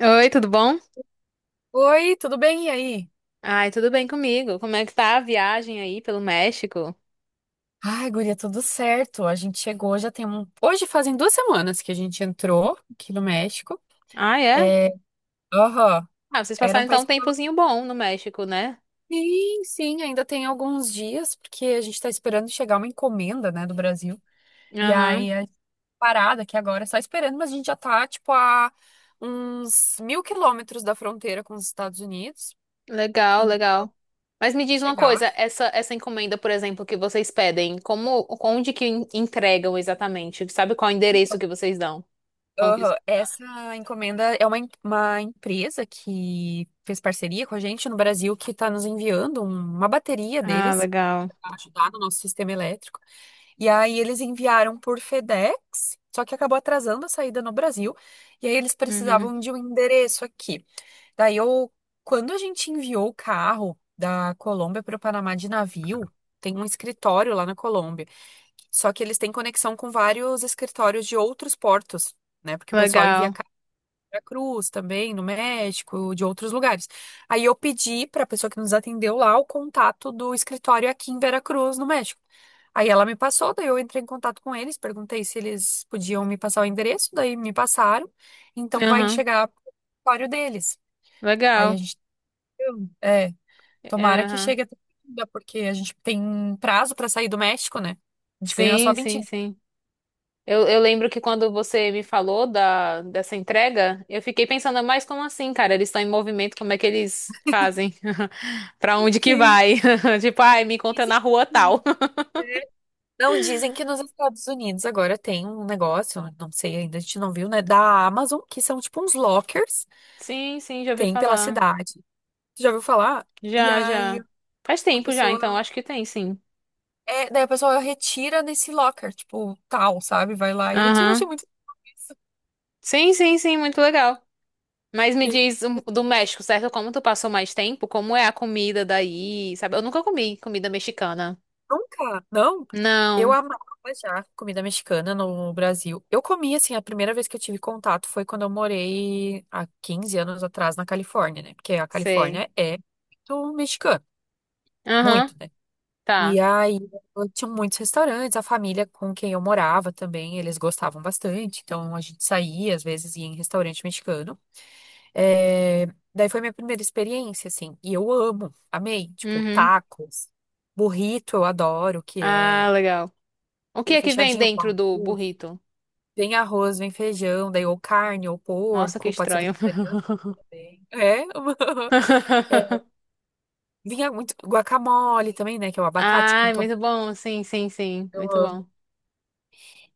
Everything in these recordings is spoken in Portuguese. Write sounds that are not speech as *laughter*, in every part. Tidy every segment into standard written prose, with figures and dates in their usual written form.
Oi, tudo bom? Oi, tudo bem? E aí? Ai, tudo bem comigo. Como é que tá a viagem aí pelo México? Ai, guria, tudo certo. A gente chegou, já tem um. Hoje fazem duas semanas que a gente entrou aqui no México. Ah, é? É, aham. Ah, vocês Era passaram um então país um que tava... tempozinho bom no México, né? Sim, ainda tem alguns dias, porque a gente tá esperando chegar uma encomenda, né, do Brasil. E Aham. aí, a parada aqui agora, só esperando, mas a gente já tá, tipo, a uns mil quilômetros da fronteira com os Estados Unidos. Legal, Então, legal. Mas me se diz uma chegar. coisa, essa encomenda, por exemplo, que vocês pedem, como onde que entregam exatamente? Sabe qual é o endereço que vocês dão? Como que isso Aham, funciona? essa encomenda é uma empresa que fez parceria com a gente no Brasil que está nos enviando uma bateria Ah, deles legal. para ajudar no nosso sistema elétrico. E aí eles enviaram por FedEx, só que acabou atrasando a saída no Brasil. E aí eles Uhum. precisavam de um endereço aqui. Daí eu, quando a gente enviou o carro da Colômbia para o Panamá de navio, tem um escritório lá na Colômbia. Só que eles têm conexão com vários escritórios de outros portos, né? Porque o pessoal envia Legal. Cruz também, no México, de outros lugares. Aí eu pedi para a pessoa que nos atendeu lá o contato do escritório aqui em Veracruz, no México. Aí ela me passou, daí eu entrei em contato com eles, perguntei se eles podiam me passar o endereço, daí me passaram. Então vai Aham. chegar o escritório deles. Aí a Legal. gente, é, tomara que Aham. chegue até segunda, porque a gente tem prazo para sair do México, né? A gente ganhou só Sim, vinte sim, dias. sim. Eu lembro que quando você me falou dessa entrega, eu fiquei pensando, mas como assim, cara? Eles estão em movimento, como é que eles fazem? *laughs* Pra onde que Sim. vai? *laughs* Tipo, ai, me encontra na rua tal. Sim. *laughs* Não, dizem que nos Estados Unidos agora tem um negócio, eu não sei ainda, a gente não viu, né? Da Amazon, que são tipo uns lockers, Sim, sim, já ouvi tem pela falar. cidade. Tu já ouviu falar? E Já, aí já. Faz a tempo já, pessoa. então acho que tem, sim. É, daí a pessoa retira nesse locker, tipo, tal, sabe? Vai lá e retira. Eu achei Aham. muito isso. Sim, sim, sim, muito legal. Mas me diz do México, certo? Como tu passou mais tempo, como é a comida daí, sabe? Eu nunca comi comida mexicana. Nunca, não. Eu Não, amava já comida mexicana no Brasil. Eu comi, assim, a primeira vez que eu tive contato foi quando eu morei há 15 anos atrás na Califórnia, né? Porque a sei. Califórnia é muito mexicana. Muito, Aham, né? E tá. aí, eu tinha muitos restaurantes, a família com quem eu morava também, eles gostavam bastante, então a gente saía, às vezes ia em restaurante mexicano. É, daí foi minha primeira experiência, assim, e eu amo, amei, tipo, Uhum. tacos, burrito eu adoro, que é Ah, legal. O que aquele é que vem fechadinho com dentro do burrito? Arroz, vem feijão, daí ou carne, ou Nossa, que porco, pode ser estranho. vegetariano também. É, *laughs* é, *laughs* vinha muito guacamole também, né, que é o abacate com Ai, tomate. muito bom. Sim, sim, sim. Muito bom.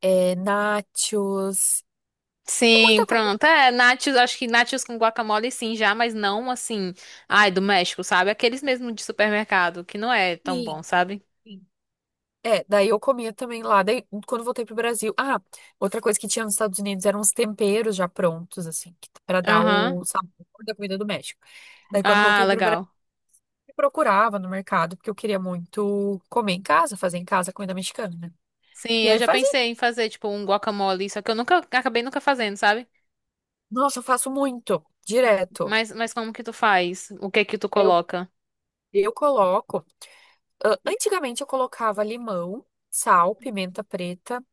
É, nachos, é Sim, muita coisa. pronto. É, nachos, acho que nachos com guacamole sim já, mas não assim, ai, do México, sabe? Aqueles mesmo de supermercado, que não é tão Sim, bom, sabe? sim. É, daí eu comia também lá. Daí, quando voltei pro Brasil. Ah, outra coisa que tinha nos Estados Unidos eram os temperos já prontos, assim, pra dar Aham. o sabor da comida do México. Daí, quando eu Ah, voltei pro Brasil, legal. eu procurava no mercado, porque eu queria muito comer em casa, fazer em casa comida mexicana, né? Sim, E eu aí eu já fazia. pensei em fazer tipo um guacamole, só que eu nunca acabei nunca fazendo, sabe? Nossa, eu faço muito, direto. Mas como que tu faz? O que é que tu Eu, coloca? eu coloco. Antigamente eu colocava limão, sal, pimenta preta,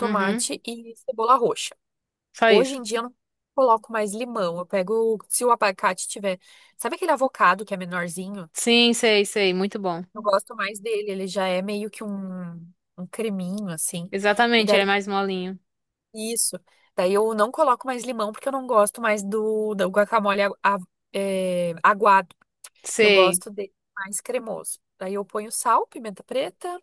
Uhum. e cebola roxa. Só Hoje isso. em dia eu não coloco mais limão. Eu pego, se o abacate tiver. Sabe aquele avocado que é menorzinho? Sim, sei, sei, muito bom. Eu gosto mais dele. Ele já é meio que um creminho, assim. E Exatamente, daí, ele é mais molinho. isso. Daí eu não coloco mais limão porque eu não gosto mais do guacamole é, aguado. Eu Sei. gosto dele mais cremoso. Daí eu ponho sal, pimenta preta,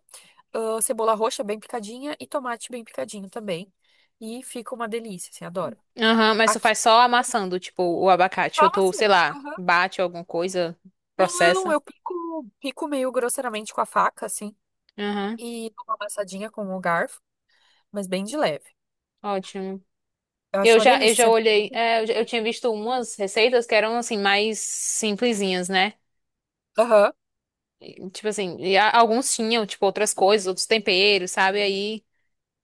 cebola roxa bem picadinha e tomate bem picadinho também. E fica uma delícia, assim, adoro. Aham, mas tu Aqui, faz só amassando, tipo, o abacate. Ou toma tu, sei assim. lá, bate alguma coisa, Não, processa. eu pico, pico meio grosseiramente com a faca, assim, Aham, e dou uma amassadinha com o garfo, mas bem de leve. ótimo. Eu Eu acho uma já, eu já delícia. Senta... olhei, é, eu tinha visto umas receitas que eram, assim, mais simplesinhas, né? Aham. E tipo assim, e alguns tinham, tipo, outras coisas, outros temperos, sabe? Aí,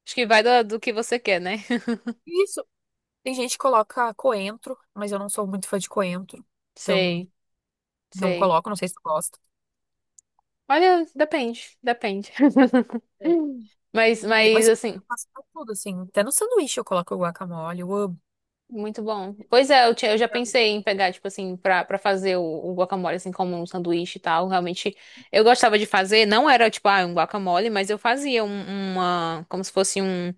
acho que vai do que você quer, né? *laughs* Isso. Tem gente que coloca coentro, mas eu não sou muito fã de coentro. Então, Sei, não sei. coloco, não sei se tu gosta. Olha, depende, depende. *laughs* Mas eu assim. faço pra tudo, assim. Até no sanduíche eu coloco guacamole, eu amo. Muito bom. Pois é, eu já pensei em pegar, tipo assim, pra fazer o guacamole, assim, como um sanduíche e tal. Realmente, eu gostava de fazer. Não era, tipo, ah, um guacamole, mas eu fazia uma... Como se fosse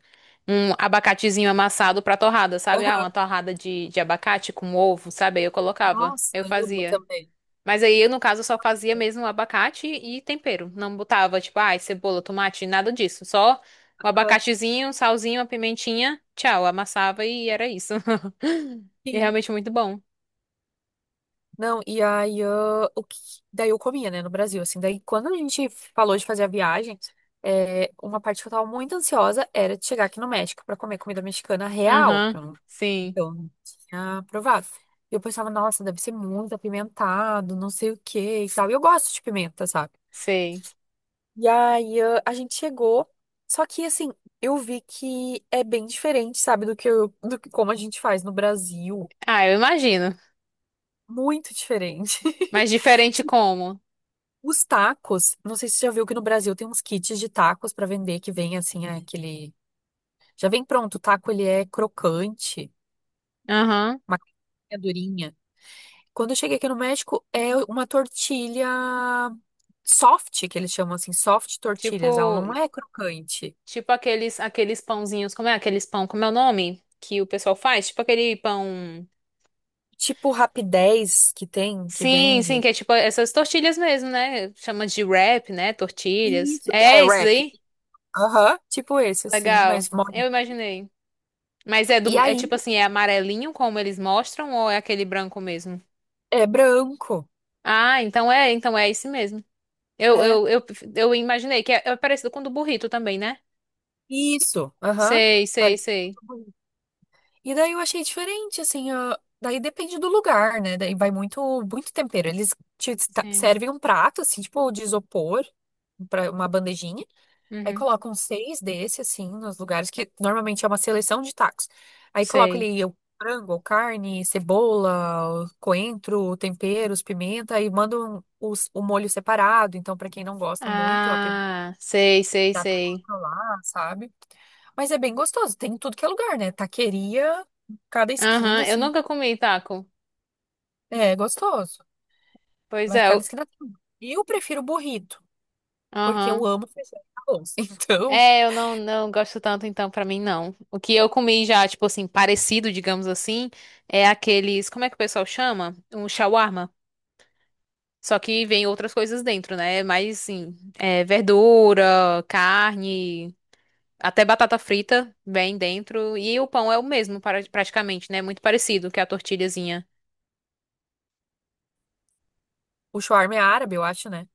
um abacatezinho amassado pra torrada, sabe? Ah, Aham. uma torrada de abacate com ovo, sabe? Aí eu colocava. Nossa, Eu eu amo fazia. também. Mas aí eu, no caso, só fazia mesmo o abacate e tempero. Não botava, tipo, ai, cebola, tomate, nada disso. Só o Aham. abacatezinho, um salzinho, a pimentinha, tchau. Amassava e era isso. *laughs* E é Sim. realmente muito bom. Não, e aí eu, o que, daí eu comia, né, no Brasil, assim. Daí quando a gente falou de fazer a viagem, é, uma parte que eu tava muito ansiosa era de chegar aqui no México pra comer comida mexicana real, porque Aham, sim, eu não tinha provado. E eu pensava, nossa, deve ser muito apimentado, não sei o quê e tal. E eu gosto de pimenta, sabe? sei. E aí, ah, a gente chegou, só que assim, eu vi que é bem diferente, sabe, do que eu, do que como a gente faz no Brasil. Ah, eu imagino. Muito diferente. Mas diferente *laughs* como? Os tacos, não sei se você já viu que no Brasil tem uns kits de tacos para vender que vem assim, é aquele. Já vem pronto, o taco ele é crocante, Aham. uma casquinha durinha. Quando eu cheguei aqui no México, é uma tortilha soft, que eles chamam assim, soft tortilhas, ela Tipo, não é crocante. tipo aqueles, aqueles pãozinhos, como é aqueles pão, como é o nome que o pessoal faz? Tipo aquele pão. Tipo Rapidez que tem, que Sim, sim, vende. que é tipo essas tortilhas mesmo, né? Chama de wrap, né? Tortilhas. Isso, é É esses wrap. aí? Aham, tipo esse assim, Legal. mas mole. Eu imaginei. Mas é E do, é aí, tipo assim, é amarelinho como eles mostram ou é aquele branco mesmo? é branco. Ah, então é esse mesmo. Eu, É, eu, eu, eu imaginei que é, é parecido com o do burrito também, né? isso, aham. Sei, sei, Parece. sei. E daí eu achei diferente, assim, ó, daí depende do lugar, né? Daí vai muito, muito tempero. Eles Sim. servem um prato, assim, tipo de isopor, para uma bandejinha. Aí Uhum. colocam seis desse, assim, nos lugares que normalmente é uma seleção de tacos. Aí colocam Sei. ali o frango, ou carne, cebola, o coentro, temperos, pimenta, aí mandam o molho separado. Então, para quem não gosta muito, a Ah, sei, sei, dá pra sei. controlar, sabe? Mas é bem gostoso, tem em tudo que é lugar, né? Taqueria, cada Aham, esquina, eu assim, nunca comi taco. é gostoso, Pois mas é, cada esquina tem. E eu prefiro burrito, porque eu aham. amo feijão com arroz. *laughs* Então, É, eu não, não gosto tanto, então, pra mim, não. O que eu comi já, tipo assim, parecido, digamos assim, é aqueles. Como é que o pessoal chama? Um shawarma. Só que vem outras coisas dentro, né? Mas, assim, é, verdura, carne, até batata frita vem dentro. E o pão é o mesmo, praticamente, né? Muito parecido que a tortilhazinha. o shawarma é árabe, eu acho, né?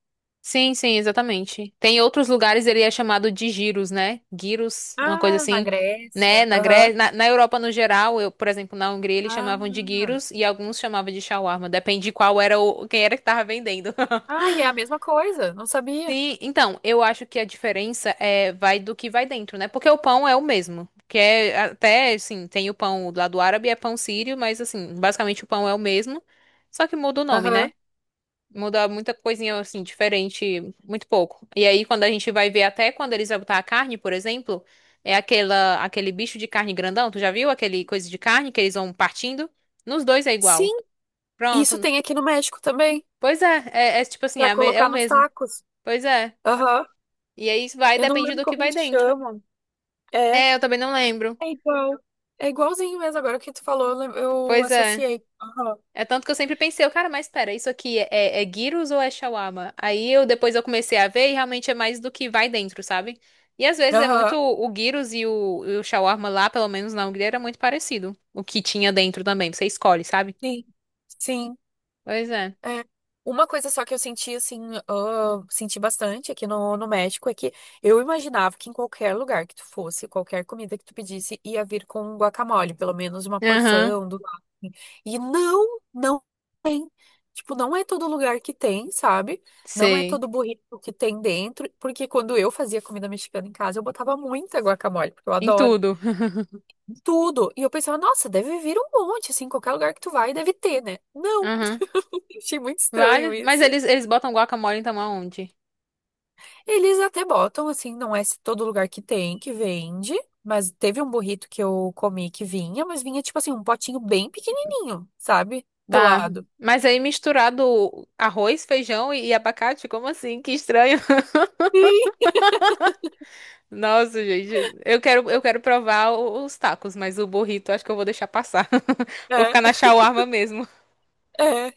Sim, sim, exatamente. Tem outros lugares, ele é chamado de giros, né? Gyros, uma coisa Ah, na assim, né? Grécia. Na Aham. Grécia, na Europa no geral, eu, por exemplo, na Hungria eles Ah, chamavam de gyros e alguns chamavam de shawarma, depende de qual era o quem era que tava vendendo. ah, *laughs* e é a mesma coisa, não sabia. Sim, então, eu acho que a diferença é vai do que vai dentro, né? Porque o pão é o mesmo, que é até, assim, tem o pão lá do árabe, é pão sírio, mas assim, basicamente o pão é o mesmo, só que muda o nome, Aham. né? Muda muita coisinha assim, diferente, muito pouco. E aí, quando a gente vai ver até quando eles vão botar a carne, por exemplo, é aquela, aquele bicho de carne grandão. Tu já viu aquele coisa de carne que eles vão partindo? Nos dois é igual. Sim, isso Pronto. tem aqui no México também, Pois é, é, é tipo assim, é, pra é o colocar nos mesmo. tacos. Pois é. Aham. E aí isso vai, Eu não depende lembro do que como vai eles dentro. chamam. É. É, eu também não lembro. É igual. É igualzinho mesmo. Agora que tu falou, eu eu Pois é. associei. Aham. É tanto que eu sempre pensei, eu, cara, mas espera, isso aqui é, é gyros ou é shawarma? Aí eu depois eu comecei a ver e realmente é mais do que vai dentro, sabe? E às vezes é muito Aham. o gyros e o shawarma lá, pelo menos na Hungria, era muito parecido. O que tinha dentro também, você escolhe, sabe? Sim. Sim. Pois é. É. Uma coisa só que eu senti, assim, ah, senti bastante aqui no, no México é que eu imaginava que em qualquer lugar que tu fosse, qualquer comida que tu pedisse, ia vir com guacamole, pelo menos uma Aham, porção do lado. Assim. E não tem. Tipo, não é todo lugar que tem, sabe? Não é sei. todo burrito que tem dentro, porque quando eu fazia comida mexicana em casa, eu botava muita guacamole, porque eu Em adoro. tudo. Tudo. E eu pensava, nossa, deve vir um monte, assim, qualquer lugar que tu vai, deve ter, né? *laughs* Não, Aham. *laughs* achei muito estranho Vale? Mas isso. eles botam guacamole então aonde? Eles até botam, assim, não é todo lugar que tem, que vende, mas teve um burrito que eu comi que vinha, mas vinha, tipo assim, um potinho bem pequenininho, sabe? Do Tá. lado. Mas aí misturado arroz, feijão e abacate, como assim? Que estranho. Nossa, gente, eu quero provar os tacos, mas o burrito acho que eu vou deixar passar. *laughs* Vou ficar na É, shawarma mesmo. é,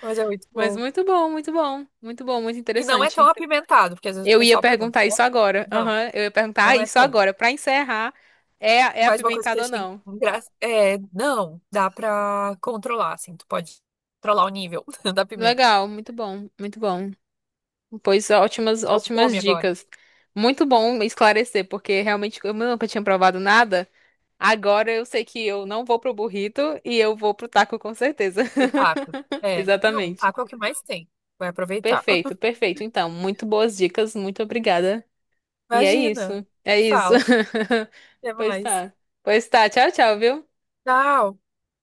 mas é muito Mas bom. muito bom, muito bom, muito bom, muito E não é tão interessante. apimentado, porque às vezes o Eu ia pessoal pergunta, perguntar né? isso agora. Não, Aham, eu ia perguntar ah, não é isso tanto. agora. Pra encerrar, é, é Mas uma coisa que eu apimentado ou achei não? engraçada é, não, dá pra controlar, assim, tu pode controlar o nível *laughs* da pimenta. Legal, muito bom, muito bom. Pois ótimas, Deu fome ótimas agora dicas. Muito bom esclarecer, porque realmente eu nunca tinha provado nada. Agora eu sei que eu não vou pro burrito e eu vou pro taco com certeza. pro taco. *laughs* É, não, Exatamente. taco é o que mais tem. Vai aproveitar. Perfeito, *laughs* perfeito. Então, muito boas dicas, muito obrigada. E é Imagina. isso. É Me isso. fala. Até *laughs* Pois mais. tá. Pois tá. Tchau, tchau, viu? Tchau.